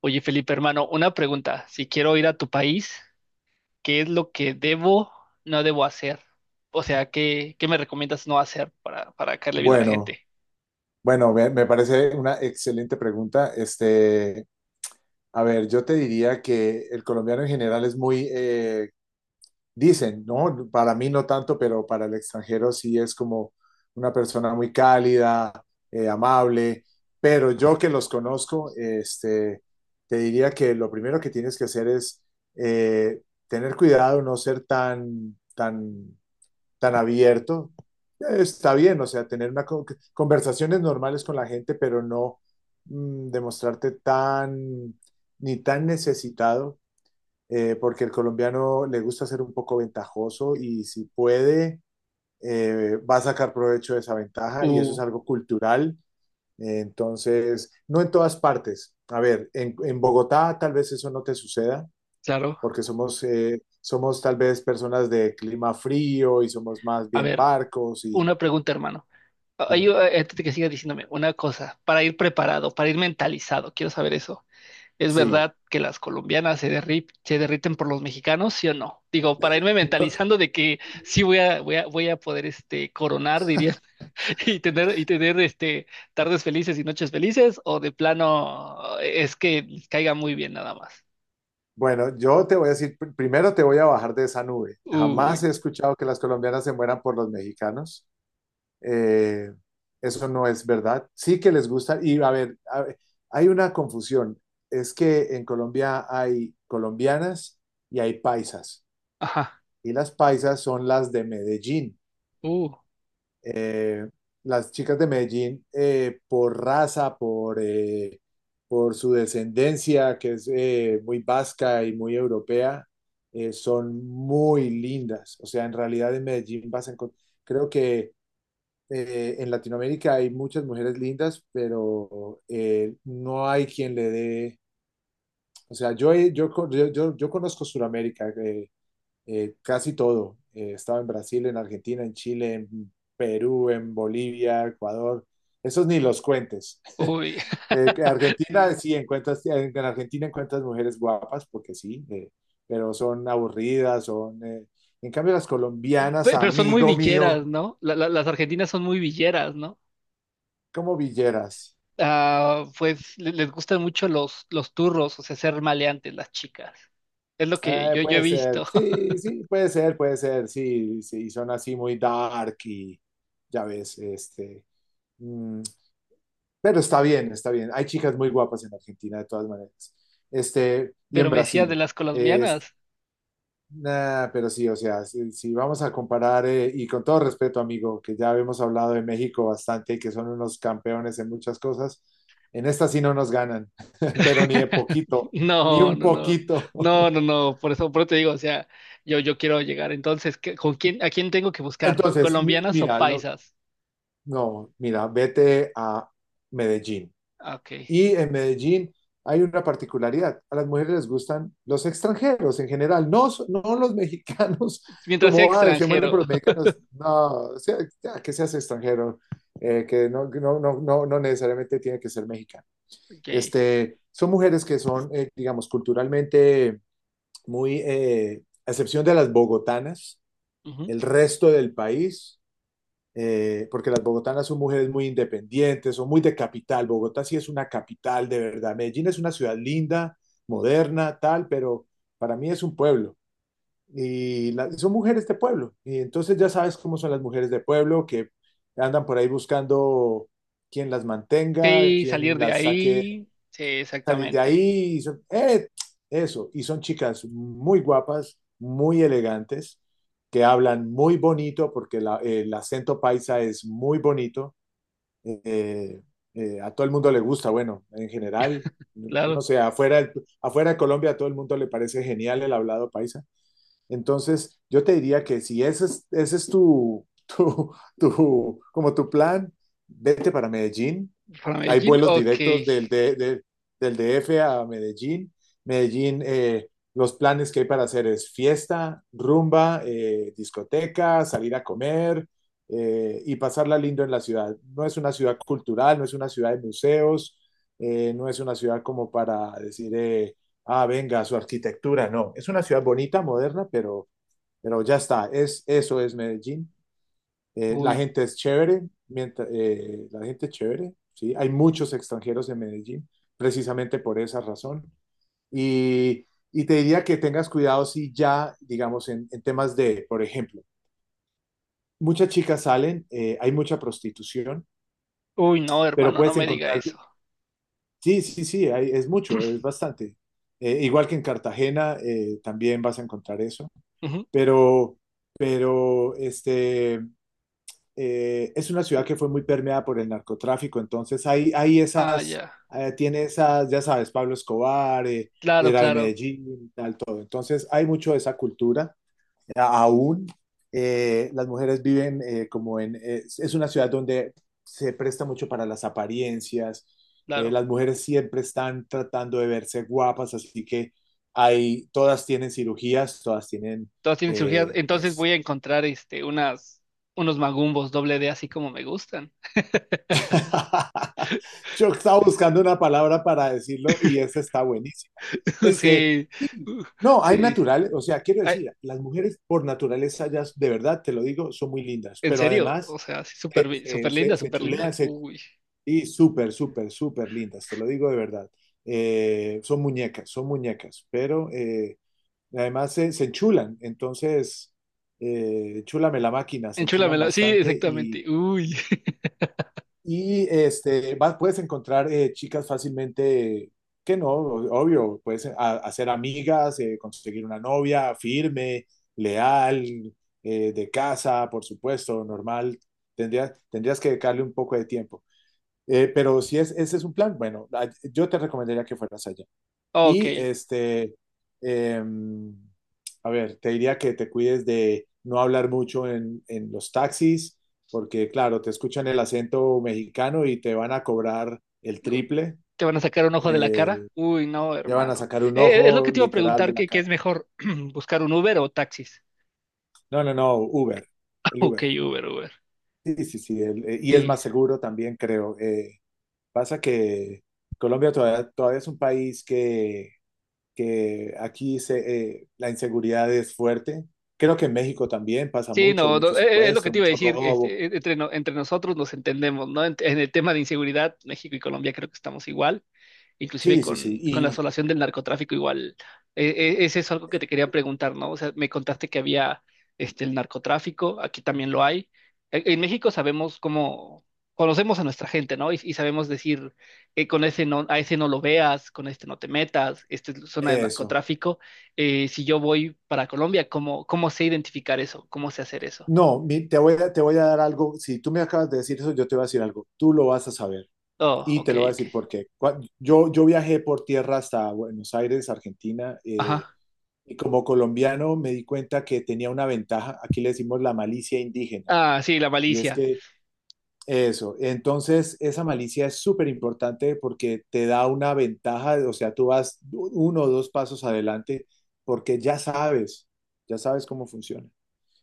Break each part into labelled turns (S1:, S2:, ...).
S1: Oye, Felipe, hermano, una pregunta. Si quiero ir a tu país, ¿qué es lo que debo, no debo hacer? O sea, ¿qué me recomiendas no hacer para caerle bien a la
S2: Bueno,
S1: gente.
S2: bueno, me parece una excelente pregunta. A ver, yo te diría que el colombiano en general es muy, dicen, ¿no? Para mí no tanto, pero para el extranjero sí es como una persona muy cálida, amable. Pero yo que los conozco, te diría que lo primero que tienes que hacer es eh, tener cuidado, no ser tan, tan abierto, está bien, o sea, tener una conversaciones normales con la gente, pero no demostrarte tan ni tan necesitado, porque el colombiano le gusta ser un poco ventajoso y si puede, va a sacar provecho de esa ventaja y eso es
S1: Uh,
S2: algo cultural. Entonces, no en todas partes. A ver, en Bogotá tal vez eso no te suceda,
S1: claro.
S2: porque somos tal vez personas de clima frío y somos más
S1: A
S2: bien
S1: ver,
S2: parcos y
S1: una pregunta, hermano. Ay,
S2: dime,
S1: yo, antes de que siga diciéndome una cosa, para ir preparado, para ir mentalizado, quiero saber eso. ¿Es
S2: sí.
S1: verdad que las colombianas se derriten por los mexicanos, sí o no? Digo, para irme
S2: No,
S1: mentalizando de que sí voy a poder coronar, diría y tener este, tardes felices y noches felices, o de plano es que les caiga muy bien nada más.
S2: bueno, yo te voy a decir, primero te voy a bajar de esa nube. Jamás he
S1: Uy,
S2: escuchado que las colombianas se mueran por los mexicanos. Eh, eso no es verdad. Sí que les gusta. Y a ver, hay una confusión. Es que en Colombia hay colombianas y hay paisas.
S1: ajá,
S2: Y las paisas son las de Medellín
S1: uh,
S2: eh, las chicas de Medellín, por raza, por su descendencia, que es muy vasca y muy europea, son muy lindas. O sea, en realidad en Medellín vas a encontrar, creo que en Latinoamérica hay muchas mujeres lindas, pero no hay quien le dé. O sea, yo conozco Sudamérica. Casi todo. Estaba en Brasil, en Argentina, en Chile, en Perú, en Bolivia, Ecuador. Esos ni los cuentes.
S1: uy.
S2: Que Argentina, sí, encuentras, en Argentina encuentras mujeres guapas, porque sí, pero son aburridas, en cambio, las colombianas,
S1: Pero son muy
S2: amigo mío,
S1: villeras, ¿no? Las argentinas son muy villeras, ¿no?
S2: como villeras.
S1: Ah, pues les gustan mucho los turros, o sea, ser maleantes las chicas. Es lo que
S2: Eh,
S1: yo he
S2: puede
S1: visto.
S2: ser, sí, sí, puede ser, sí, sí, son así muy dark y, ya ves, mm, pero está bien, está bien. Hay chicas muy guapas en Argentina, de todas maneras. Y en
S1: Pero me decía de
S2: Brasil.
S1: las
S2: Es,
S1: colombianas.
S2: nah, pero sí, o sea, si vamos a comparar, y con todo respeto, amigo, que ya hemos hablado de México bastante y que son unos campeones en muchas cosas, en esta sí no nos ganan, pero ni de poquito, ni
S1: No,
S2: un
S1: no, no,
S2: poquito.
S1: no, por eso te digo, o sea, yo quiero llegar. Entonces, ¿con quién, a quién tengo que buscar?
S2: Entonces,
S1: ¿Colombianas o
S2: mira,
S1: paisas?
S2: no, mira, vete a Medellín.
S1: Ah, ok.
S2: Y en Medellín hay una particularidad. A las mujeres les gustan los extranjeros en general, no, no los mexicanos,
S1: Mientras sea
S2: como se mueren
S1: extranjero.
S2: por los mexicanos. No, sea, ya, que seas extranjero, que no necesariamente tiene que ser mexicano.
S1: Ok,
S2: Son mujeres que son, digamos, culturalmente muy, a excepción de las bogotanas,
S1: ujú.
S2: el resto del país porque las bogotanas son mujeres muy independientes, son muy de capital. Bogotá sí es una capital de verdad. Medellín es una ciudad linda, moderna, tal, pero para mí es un pueblo. Y son mujeres de pueblo. Y entonces ya sabes cómo son las mujeres de pueblo, que andan por ahí buscando quien las mantenga,
S1: Sí, salir
S2: quien
S1: de
S2: las saque,
S1: ahí, sí,
S2: salir de
S1: exactamente,
S2: ahí. Y son chicas muy guapas, muy elegantes, que hablan muy bonito, porque el acento paisa es muy bonito. Eh, a todo el mundo le gusta, bueno, en general, no
S1: claro.
S2: sé, afuera, de Colombia a todo el mundo le parece genial el hablado paisa. Entonces, yo te diría que si ese es tu, como tu plan, vete para Medellín.
S1: Para
S2: Hay
S1: Medellín,
S2: vuelos
S1: ok.
S2: directos del D F a Medellín. Medellín, los planes que hay para hacer es fiesta, rumba, discoteca, salir a comer y pasarla lindo en la ciudad. No es una ciudad cultural, no es una ciudad de museos, no es una ciudad como para decir, venga, su arquitectura, no. Es una ciudad bonita, moderna, pero ya está. Eso es Medellín. La
S1: Uy.
S2: gente es chévere, mientras, la gente es chévere, ¿sí? Hay muchos extranjeros en Medellín, precisamente por esa razón. Y te diría que tengas cuidado si ya, digamos, en temas de, por ejemplo, muchas chicas salen, hay mucha prostitución,
S1: Uy, no,
S2: pero
S1: hermano, no
S2: puedes
S1: me diga
S2: encontrar,
S1: eso.
S2: sí, sí, sí, es mucho, es bastante. Igual que en Cartagena, también vas a encontrar eso,
S1: Ujú.
S2: pero, pero es una ciudad que fue muy permeada por el narcotráfico, entonces hay
S1: Ah,
S2: esas,
S1: ya.
S2: tiene esas, ya sabes, Pablo Escobar,
S1: Claro,
S2: era de
S1: claro,
S2: Medellín, entonces hay mucho de esa cultura aún. Las mujeres viven, como es una ciudad donde se presta mucho para las apariencias. eh,
S1: claro.
S2: las mujeres siempre están tratando de verse guapas, así que todas tienen cirugías,
S1: Todas tienen cirugías.
S2: eh,
S1: Entonces
S2: pues,
S1: voy a encontrar este unas unos magumbos doble D así como me gustan.
S2: Yo estaba buscando una palabra para decirlo y esa está buenísima. Este,
S1: Sí,
S2: sí,
S1: uh,
S2: no, hay
S1: sí.
S2: naturales, o sea, quiero
S1: Ay,
S2: decir, las mujeres por naturaleza, ya de verdad, te lo digo, son muy lindas,
S1: en
S2: pero
S1: serio, o
S2: además
S1: sea, sí, súper
S2: se,
S1: linda,
S2: se
S1: súper linda.
S2: chulean,
S1: Uy,
S2: y súper, súper, súper lindas, te lo digo de verdad. Son muñecas, son muñecas, pero además se enchulan, entonces, chúlame la máquina, se enchulan
S1: enchúlamela. Sí,
S2: bastante y
S1: exactamente. Uy.
S2: Y este, puedes encontrar chicas fácilmente, que no, obvio, puedes hacer amigas, conseguir una novia firme, leal, de casa, por supuesto, normal. Tendrías que dedicarle un poco de tiempo. Pero si es, ese es un plan, bueno, yo te recomendaría que fueras allá. Y
S1: Ok.
S2: eh, a ver, te diría que te cuides de no hablar mucho en los taxis, porque claro, te escuchan el acento mexicano y te van a cobrar el
S1: Uh,
S2: triple,
S1: ¿te van a sacar un ojo de la
S2: eh,
S1: cara? Uy, no,
S2: te van a
S1: hermano.
S2: sacar un
S1: Es lo que
S2: ojo
S1: te iba a
S2: literal
S1: preguntar,
S2: de la
S1: ¿qué es
S2: cara.
S1: mejor? ¿Buscar un Uber o taxis?
S2: No, no, no, Uber, el
S1: Ok,
S2: Uber.
S1: Uber, Uber.
S2: Sí, sí, sí, y es
S1: Y
S2: más seguro también, creo. Pasa que Colombia todavía es un país que la inseguridad es fuerte. Creo que en México también pasa
S1: sí,
S2: mucho,
S1: no,
S2: mucho
S1: no, es lo que
S2: secuestro,
S1: te iba a
S2: mucho
S1: decir.
S2: robo.
S1: Entre nosotros nos entendemos, ¿no? En el tema de inseguridad, México y Colombia creo que estamos igual, inclusive
S2: Sí, sí, sí.
S1: con la
S2: Y
S1: asolación del narcotráfico igual. Es eso algo que te quería preguntar, ¿no? O sea, me contaste que había este, el narcotráfico, aquí también lo hay. En México sabemos cómo, conocemos a nuestra gente, ¿no? Y sabemos decir, con ese no, a ese no lo veas, con este no te metas, esta es zona de
S2: eso.
S1: narcotráfico. Si yo voy para Colombia, ¿cómo sé identificar eso? ¿Cómo sé hacer eso?
S2: No, te voy a, dar algo. Si tú me acabas de decir eso, yo te voy a decir algo. Tú lo vas a saber
S1: Oh,
S2: y te
S1: ok,
S2: lo voy a
S1: ok.
S2: decir por qué. Yo viajé por tierra hasta Buenos Aires, Argentina,
S1: Ajá.
S2: y como colombiano me di cuenta que tenía una ventaja. Aquí le decimos la malicia indígena.
S1: Ah, sí, la
S2: Y es
S1: malicia.
S2: que Eso, entonces esa malicia es súper importante porque te da una ventaja, o sea, tú vas uno o dos pasos adelante porque ya sabes cómo funciona.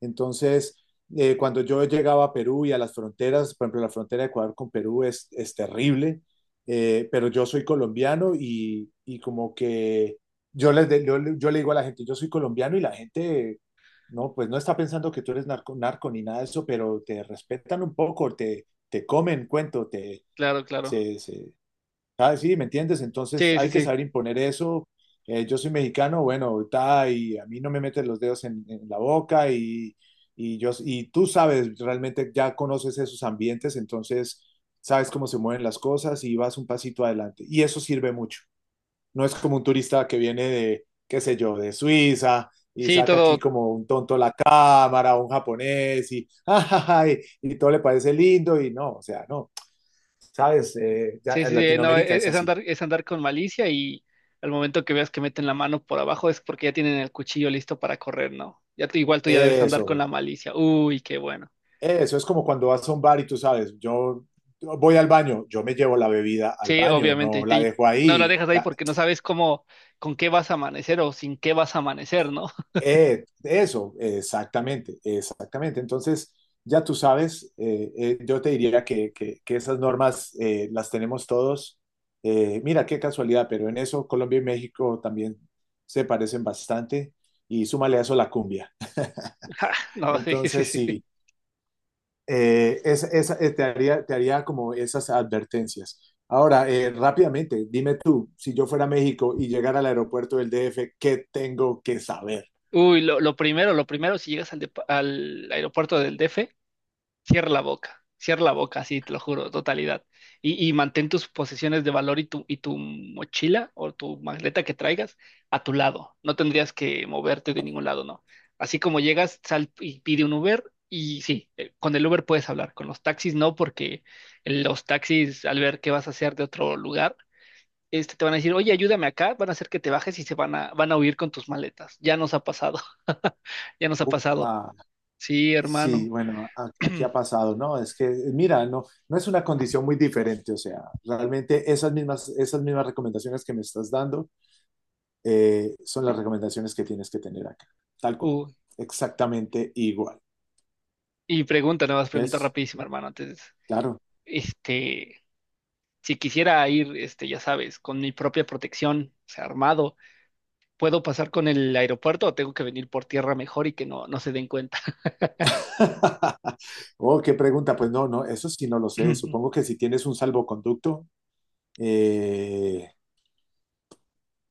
S2: Entonces, cuando yo llegaba a Perú y a las fronteras, por ejemplo, la frontera de Ecuador con Perú es terrible, pero yo soy colombiano y, como que yo, les de- yo le digo a la gente, yo soy colombiano y la gente, no, pues no está pensando que tú eres narco ni nada de eso, pero te respetan un poco, te comen cuento,
S1: Claro, claro.
S2: se, se, ah, sí, ¿me entiendes? Entonces
S1: Sí, sí,
S2: hay que
S1: sí.
S2: saber imponer eso. Yo soy mexicano, bueno, y a mí no me meten los dedos en la boca y tú sabes, realmente ya conoces esos ambientes, entonces sabes cómo se mueven las cosas y vas un pasito adelante. Y eso sirve mucho. No es como un turista que viene de, qué sé yo, de Suiza y
S1: Sí,
S2: saca aquí
S1: todo.
S2: como un tonto la cámara, un japonés y, y todo le parece lindo y no, o sea, no, sabes, ya
S1: Sí,
S2: en
S1: sí, sí, no,
S2: Latinoamérica es así.
S1: es andar con malicia, y al momento que veas que meten la mano por abajo es porque ya tienen el cuchillo listo para correr, ¿no? Ya tú, igual tú ya debes andar con
S2: Eso,
S1: la malicia. Uy, qué bueno.
S2: eso es como cuando vas a un bar y tú sabes, yo voy al baño, yo me llevo la bebida al
S1: Sí,
S2: baño,
S1: obviamente,
S2: no la
S1: y
S2: dejo
S1: no la
S2: ahí.
S1: dejas ahí
S2: La-
S1: porque no sabes cómo, con qué vas a amanecer o sin qué vas a amanecer, ¿no?
S2: eh, eso, exactamente, exactamente. Entonces, ya tú sabes, yo te diría que esas normas las tenemos todos. Mira, qué casualidad, pero en eso Colombia y México también se parecen bastante y súmale a eso la cumbia.
S1: Ja, no, sí, sí,
S2: Entonces,
S1: sí.
S2: sí. Te haría como esas advertencias. Ahora, rápidamente, dime tú, si yo fuera a México y llegara al aeropuerto del DF, ¿qué tengo que saber?
S1: Uy, lo primero, si llegas al, al aeropuerto del DF, cierra la boca, cierra la boca, sí, te lo juro, totalidad. Y mantén tus posesiones de valor y tu mochila o tu maleta que traigas a tu lado. No tendrías que moverte de ningún lado, ¿no? Así como llegas, sal y pide un Uber, y sí, con el Uber puedes hablar, con los taxis no, porque los taxis, al ver qué vas a hacer de otro lugar, este, te van a decir, oye, ayúdame acá, van a hacer que te bajes y van a huir con tus maletas. Ya nos ha pasado. Ya nos ha pasado.
S2: Upa,
S1: Sí,
S2: sí,
S1: hermano.
S2: bueno, aquí ha pasado, ¿no? Es que, mira, no, no es una condición muy diferente, o sea, realmente esas mismas recomendaciones que me estás dando son las recomendaciones que tienes que tener acá, tal cual,
S1: Uh,
S2: exactamente igual,
S1: Y pregunta, nada más pregunta
S2: ¿ves?
S1: rapidísima, hermano. Antes,
S2: Claro.
S1: este, si quisiera ir, este, ya sabes, con mi propia protección, o sea, armado, ¿puedo pasar con el aeropuerto o tengo que venir por tierra mejor y que no, no se den cuenta?
S2: Oh, qué pregunta. Pues no, no, eso sí no lo sé. Supongo que si tienes un salvoconducto, eh,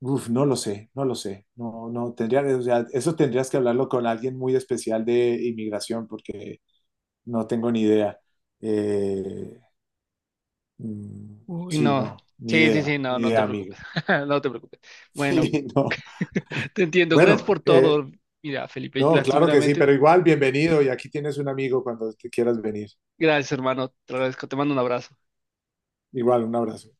S2: no lo sé, no lo sé. No, no, tendría, o sea, eso tendrías que hablarlo con alguien muy especial de inmigración porque no tengo ni idea. Eh, mm,
S1: Uy,
S2: sí,
S1: no.
S2: no, ni
S1: Sí, sí, sí,
S2: idea,
S1: no,
S2: ni
S1: no te
S2: idea,
S1: preocupes.
S2: amigo.
S1: No te preocupes. Bueno.
S2: Sí, no.
S1: Te entiendo. Gracias
S2: Bueno,
S1: por todo. Mira, Felipe,
S2: no, claro que sí, pero
S1: lastimeramente,
S2: igual, bienvenido y aquí tienes un amigo cuando te quieras venir.
S1: gracias, hermano. Te agradezco. Te mando un abrazo.
S2: Igual, un abrazo.